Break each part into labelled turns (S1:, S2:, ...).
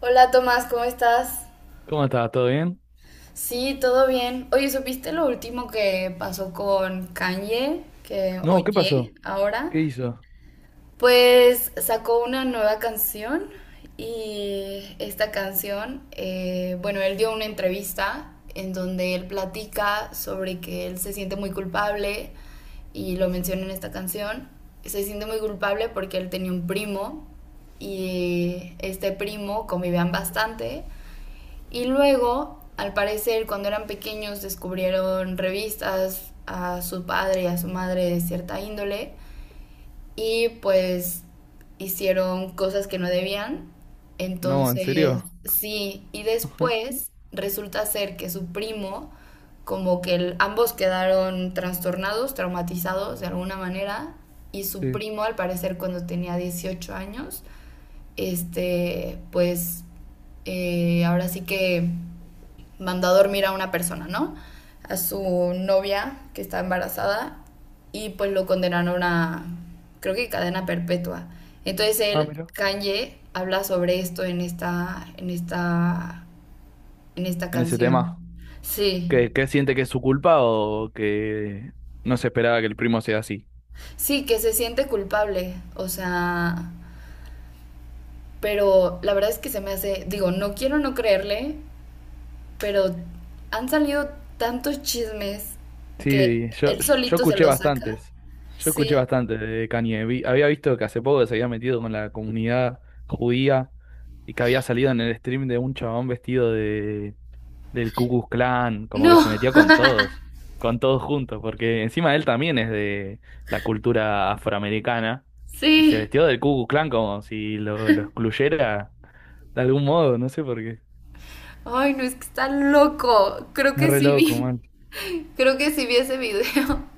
S1: Hola Tomás, ¿cómo estás?
S2: ¿Cómo estás? ¿Todo bien?
S1: Sí, todo bien. Oye, ¿supiste lo último que pasó con Kanye? Que
S2: No, ¿qué
S1: oye
S2: pasó? ¿Qué
S1: ahora.
S2: hizo?
S1: Pues sacó una nueva canción y esta canción, bueno, él dio una entrevista en donde él platica sobre que él se siente muy culpable y lo menciona en esta canción. Se siente muy culpable porque él tenía un primo y este primo convivían bastante. Y luego, al parecer, cuando eran pequeños descubrieron revistas a su padre y a su madre de cierta índole y pues hicieron cosas que no debían.
S2: No, ¿en
S1: Entonces,
S2: serio?
S1: sí, y después resulta ser que su primo, como que ambos quedaron trastornados, traumatizados de alguna manera, y su
S2: Sí.
S1: primo, al parecer, cuando tenía 18 años, pues ahora sí que mandó a dormir a una persona, ¿no? A su novia que está embarazada y pues lo condenaron a, creo que cadena perpetua. Entonces
S2: Ah,
S1: él,
S2: mira.
S1: Kanye, habla sobre esto en esta
S2: En ese
S1: canción.
S2: tema.
S1: Sí,
S2: ¿Qué, qué siente que es su culpa o que no se esperaba que el primo sea así?
S1: sí, que se siente culpable, o sea, pero la verdad es que se me hace, digo, no quiero no creerle, pero han salido tantos chismes que
S2: Sí, yo,
S1: él
S2: yo
S1: solito se
S2: escuché
S1: los saca.
S2: bastantes. Yo escuché
S1: Sí,
S2: bastante de Kanye. Había visto que hace poco se había metido con la comunidad judía y que había salido en el stream de un chabón vestido de del Ku Klux Klan, como que se
S1: no.
S2: metió con todos juntos, porque encima él también es de la cultura afroamericana y se
S1: Sí.
S2: vestió del Ku Klux Klan como si lo excluyera de algún modo, no sé por qué.
S1: Ay, no, es que está loco. Creo
S2: Es
S1: que
S2: re
S1: sí
S2: loco,
S1: vi.
S2: man.
S1: Creo que sí vi ese video.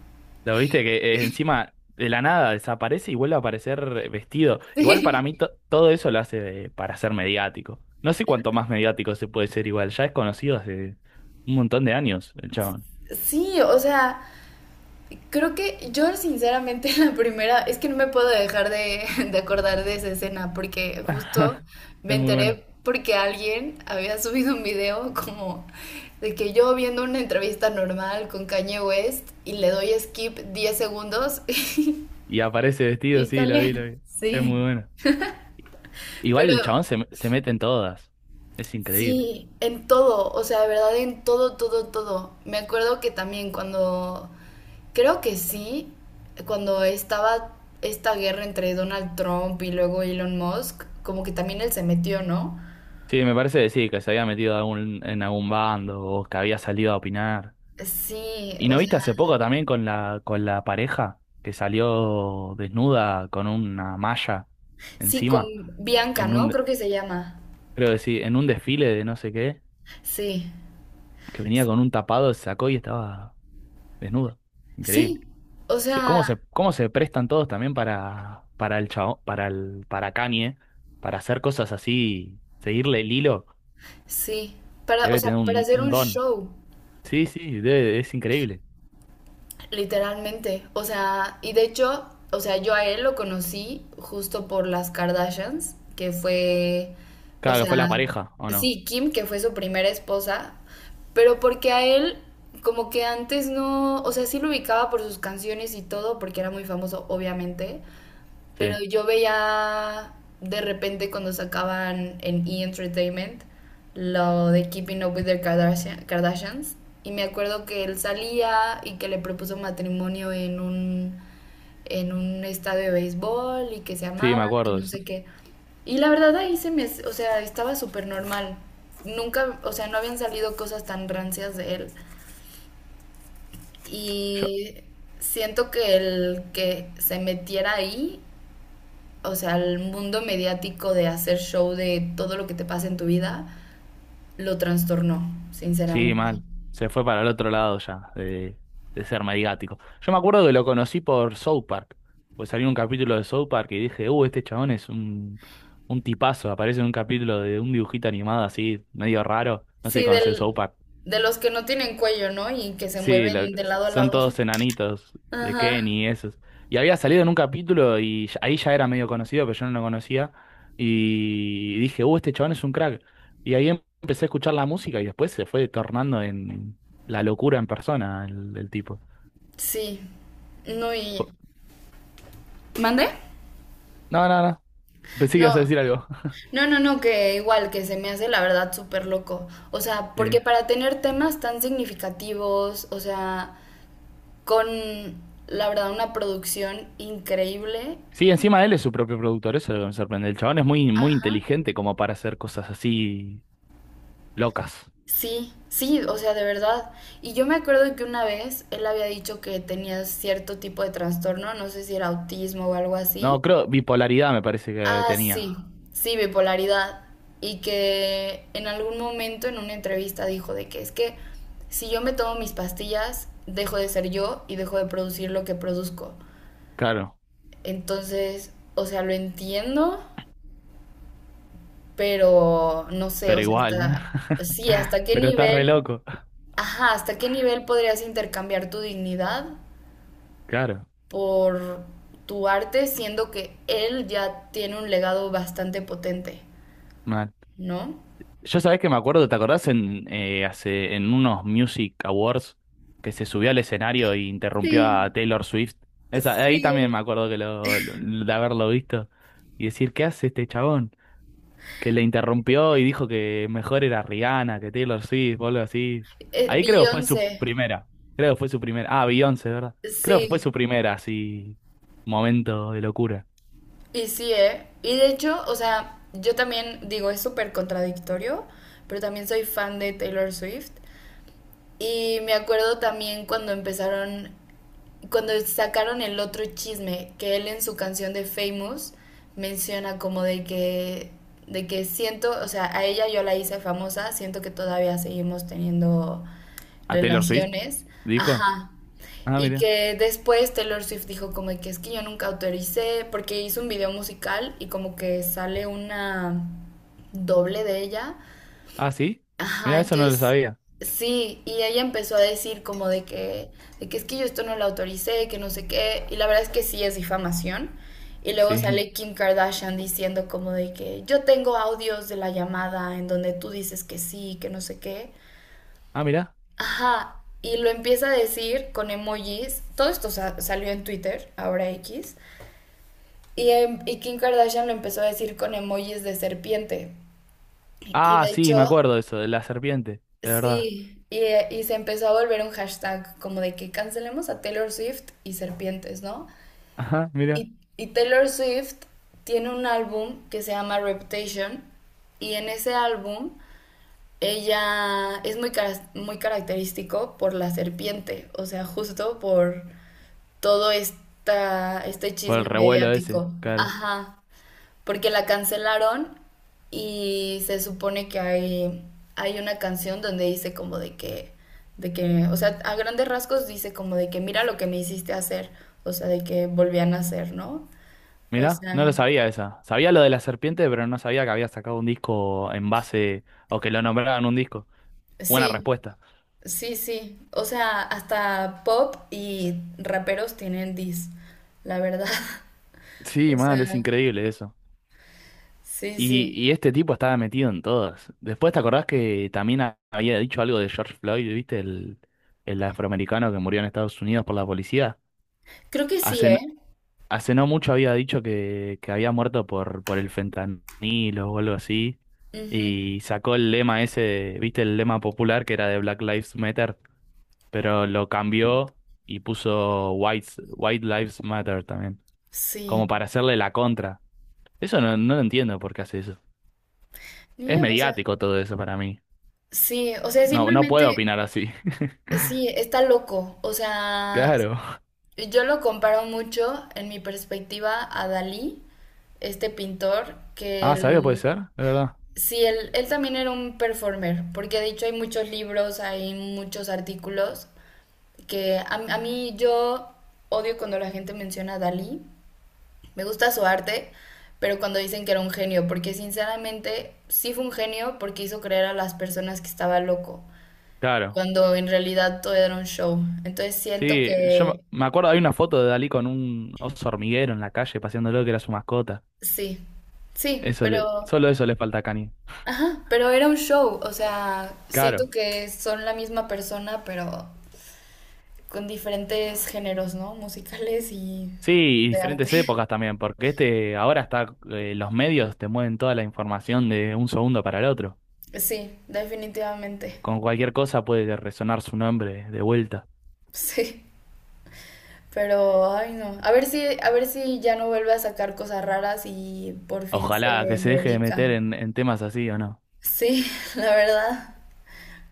S2: Lo viste que encima de la nada desaparece y vuelve a aparecer vestido. Igual para
S1: Sí.
S2: mí todo eso lo hace para ser mediático. No sé cuánto más mediático se puede ser igual. Ya es conocido hace un montón de años el chabón.
S1: Sí, o sea, creo que yo sinceramente la primera, es que no me puedo dejar de, de acordar de esa escena porque justo me
S2: Es muy bueno.
S1: enteré porque alguien había subido un video como de que yo viendo una entrevista normal con Kanye West y le doy skip 10 segundos
S2: Y aparece vestido,
S1: y
S2: sí, lo vi,
S1: sale.
S2: lo vi. Es muy
S1: Sí,
S2: bueno. Igual el
S1: pero
S2: chabón se mete en todas. Es increíble.
S1: sí, en todo, o sea, de verdad, en todo, todo, todo. Me acuerdo que también cuando, creo que sí, cuando estaba esta guerra entre Donald Trump y luego Elon Musk, como que también él se metió, ¿no?
S2: Sí, me parece que sí, que se había metido en algún bando o que había salido a opinar.
S1: Sí,
S2: ¿Y
S1: o
S2: no
S1: sea,
S2: viste hace poco también con con la pareja que salió desnuda con una malla
S1: sí, con
S2: encima?
S1: Bianca,
S2: En
S1: ¿no?
S2: un,
S1: Creo que se llama.
S2: Creo que sí, en un desfile de no sé qué,
S1: Sí,
S2: que venía con un tapado, se sacó y estaba desnuda. Increíble.
S1: sí, o sea,
S2: ¿Cómo cómo se prestan todos también para el chavo, para Kanye, para hacer cosas así, seguirle el hilo?
S1: sí, para, o
S2: Debe
S1: sea,
S2: tener
S1: para hacer
S2: un
S1: un
S2: don.
S1: show.
S2: Sí, sí, es increíble.
S1: Literalmente, o sea, y de hecho, o sea, yo a él lo conocí justo por las Kardashians, que fue, o
S2: Claro que fue
S1: sea,
S2: la pareja, ¿o no?
S1: sí, Kim, que fue su primera esposa, pero porque a él como que antes no, o sea, sí lo ubicaba por sus canciones y todo, porque era muy famoso, obviamente,
S2: Sí,
S1: pero yo veía de repente cuando sacaban en E! Entertainment lo de Keeping Up with the Kardashian- Kardashians. Y me acuerdo que él salía y que le propuso matrimonio en un estadio de béisbol y que se
S2: sí, me
S1: amaban, que
S2: acuerdo de
S1: no
S2: eso.
S1: sé qué. Y la verdad ahí se me, o sea, estaba súper normal. Nunca, o sea, no habían salido cosas tan rancias de él.
S2: Yo,
S1: Y siento que el que se metiera ahí, o sea, el mundo mediático de hacer show de todo lo que te pasa en tu vida, lo trastornó,
S2: Sí,
S1: sinceramente.
S2: mal. Se fue para el otro lado ya, de ser mediático. Yo me acuerdo que lo conocí por South Park. Pues salió un capítulo de South Park y dije, este chabón es un tipazo. Aparece en un capítulo de un dibujito animado así, medio raro. No sé si
S1: Sí,
S2: conoces South
S1: del,
S2: Park.
S1: de los que no tienen cuello, ¿no? Y que se
S2: Sí,
S1: mueven de lado a
S2: son
S1: lado.
S2: todos enanitos de
S1: Ajá,
S2: Kenny y esos. Y había salido en un capítulo y ahí ya era medio conocido, pero yo no lo conocía. Y dije, este chabón es un crack. Y ahí empecé a escuchar la música y después se fue tornando en la locura en persona el tipo.
S1: sí. No,
S2: Fue-
S1: y... ¿Mande?
S2: No, no, no. Pensé que ibas a
S1: No,
S2: decir algo.
S1: no, no, que igual, que se me hace la verdad súper loco. O sea,
S2: Sí.
S1: porque para tener temas tan significativos, o sea, con la verdad una producción increíble.
S2: Sí, encima él es su propio productor, eso es lo que me sorprende. El chabón es muy, muy inteligente como para hacer cosas así locas.
S1: Sí, sí, o sea, de verdad. Y yo me acuerdo que una vez él había dicho que tenía cierto tipo de trastorno, no sé si era autismo o algo
S2: No,
S1: así.
S2: creo, bipolaridad me parece que
S1: Ah, sí,
S2: tenía.
S1: sí, bipolaridad. Y que en algún momento en una entrevista dijo de que es que si yo me tomo mis pastillas, dejo de ser yo y dejo de producir lo que produzco.
S2: Claro,
S1: Entonces, o sea, lo entiendo, pero no sé,
S2: pero
S1: o sea,
S2: igual.
S1: hasta, sí, hasta qué
S2: Pero está re
S1: nivel.
S2: loco.
S1: Ajá, ¿hasta qué nivel podrías intercambiar tu dignidad
S2: Claro,
S1: por tu arte, siendo que él ya tiene un legado bastante potente,
S2: mal.
S1: ¿no?
S2: Yo sabés que me acuerdo, ¿te acordás en hace en unos Music Awards que se subió al escenario e interrumpió
S1: Sí,
S2: a Taylor Swift? Esa, ahí también
S1: sí.
S2: me acuerdo que de haberlo visto y decir, ¿qué hace este chabón? Que le interrumpió y dijo que mejor era Rihanna que Taylor Swift o algo así. Ahí creo fue su
S1: Beyoncé,
S2: primera. Creo fue su primera. Ah, Beyoncé, ¿verdad? Creo fue
S1: sí,
S2: su primera, así, momento de locura.
S1: y sí, ¿eh? Y de hecho, o sea, yo también digo, es súper contradictorio, pero también soy fan de Taylor Swift. Y me acuerdo también cuando empezaron, cuando sacaron el otro chisme, que él en su canción de Famous menciona como de que siento, o sea, a ella yo la hice famosa, siento que todavía seguimos teniendo
S2: ¿A Taylor Swift?
S1: relaciones,
S2: Dijo.
S1: ajá.
S2: Ah,
S1: Y
S2: mira.
S1: que después Taylor Swift dijo como de que es que yo nunca autoricé, porque hizo un video musical y como que sale una doble de ella.
S2: Ah, sí.
S1: Ajá,
S2: Mira, eso no lo
S1: entonces,
S2: sabía.
S1: sí, y ella empezó a decir como de que es que yo esto no lo autoricé, que no sé qué, y la verdad es que sí es difamación. Y luego
S2: Sí.
S1: sale Kim Kardashian diciendo como de que yo tengo audios de la llamada en donde tú dices que sí, que no sé qué.
S2: Ah, mira.
S1: Ajá, y lo empieza a decir con emojis. Todo esto salió en Twitter, ahora X. Y, y Kim Kardashian lo empezó a decir con emojis de serpiente. Y
S2: Ah,
S1: de
S2: sí, me
S1: hecho,
S2: acuerdo de eso, de la serpiente, de verdad.
S1: sí, y se empezó a volver un hashtag como de que cancelemos a Taylor Swift y serpientes, ¿no?
S2: Ajá, mira.
S1: Y Taylor Swift tiene un álbum que se llama Reputation y en ese álbum ella es muy, muy característico por la serpiente, o sea, justo por todo esta, este
S2: Por
S1: chisme
S2: el revuelo ese,
S1: mediático.
S2: claro.
S1: Ajá, porque la cancelaron y se supone que hay una canción donde dice como de que, o sea, a grandes rasgos dice como de que mira lo que me hiciste hacer, o sea, de que volvían a hacer, ¿no? O
S2: Mira, no
S1: sea,
S2: lo sabía esa. Sabía lo de la serpiente, pero no sabía que había sacado un disco en base o que lo nombraban un disco. Buena
S1: sí,
S2: respuesta.
S1: sí, sí, o sea, hasta pop y raperos tienen dis, la verdad,
S2: Sí,
S1: o
S2: mal, es
S1: sea,
S2: increíble eso.
S1: sí, sí,
S2: Y este tipo estaba metido en todas. Después, ¿te acordás que también había dicho algo de George Floyd, viste? El afroamericano que murió en Estados Unidos por la policía.
S1: creo que sí,
S2: Hace,
S1: ¿eh?
S2: Hace no mucho había dicho que había muerto por el fentanilo o algo así.
S1: Ujú,
S2: Y sacó el lema ese, viste el lema popular que era de Black Lives Matter, pero lo cambió y puso White, White Lives Matter también,
S1: sí,
S2: como para hacerle la contra. Eso no, no lo entiendo por qué hace eso. Es
S1: niño, o sea,
S2: mediático todo eso para mí.
S1: sí, o sea,
S2: No, no puedo
S1: simplemente...
S2: opinar así.
S1: Sí, está loco. O sea,
S2: Claro.
S1: yo lo comparo mucho en mi perspectiva a Dalí, este pintor, que
S2: Ah, ¿sabía? Puede
S1: él,
S2: ser, de verdad.
S1: sí, él también era un performer, porque de hecho hay muchos libros, hay muchos artículos, que a mí yo odio cuando la gente menciona a Dalí. Me gusta su arte, pero cuando dicen que era un genio, porque sinceramente sí fue un genio porque hizo creer a las personas que estaba loco
S2: Claro.
S1: cuando en realidad todo era un show. Entonces siento
S2: Sí, yo me
S1: que
S2: me acuerdo, hay una foto de Dalí con un oso hormiguero en la calle paseándolo que era su mascota.
S1: sí, sí, pero,
S2: Solo eso le falta a Kanye.
S1: ajá, pero era un show, o sea, siento
S2: Claro.
S1: que son la misma persona, pero con diferentes géneros, ¿no? Musicales y
S2: Sí, y
S1: de arte.
S2: diferentes épocas también, porque este ahora está, los medios te mueven toda la información de un segundo para el otro.
S1: Sí, definitivamente,
S2: Con cualquier cosa puede resonar su nombre de vuelta.
S1: sí, pero, ay no, a ver si ya no vuelve a sacar cosas raras y por fin
S2: Ojalá que
S1: se
S2: se
S1: me
S2: deje de meter
S1: dedica.
S2: en temas así o no.
S1: Sí, la verdad.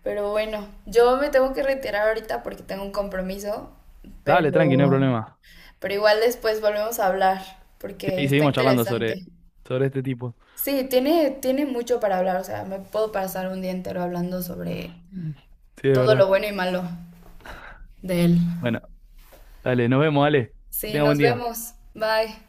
S1: Pero bueno, yo me tengo que retirar ahorita porque tengo un compromiso,
S2: Dale, tranqui, no hay
S1: pero
S2: problema.
S1: Pero igual después volvemos a hablar, porque
S2: Sí,
S1: está
S2: seguimos charlando
S1: interesante.
S2: sobre este tipo.
S1: Sí, tiene, tiene mucho para hablar, o sea, me puedo pasar un día entero hablando sobre
S2: Sí, de
S1: todo lo
S2: verdad.
S1: bueno y malo de él.
S2: Bueno, dale, nos vemos, dale. Que
S1: Sí,
S2: tenga buen
S1: nos
S2: día.
S1: vemos. Bye.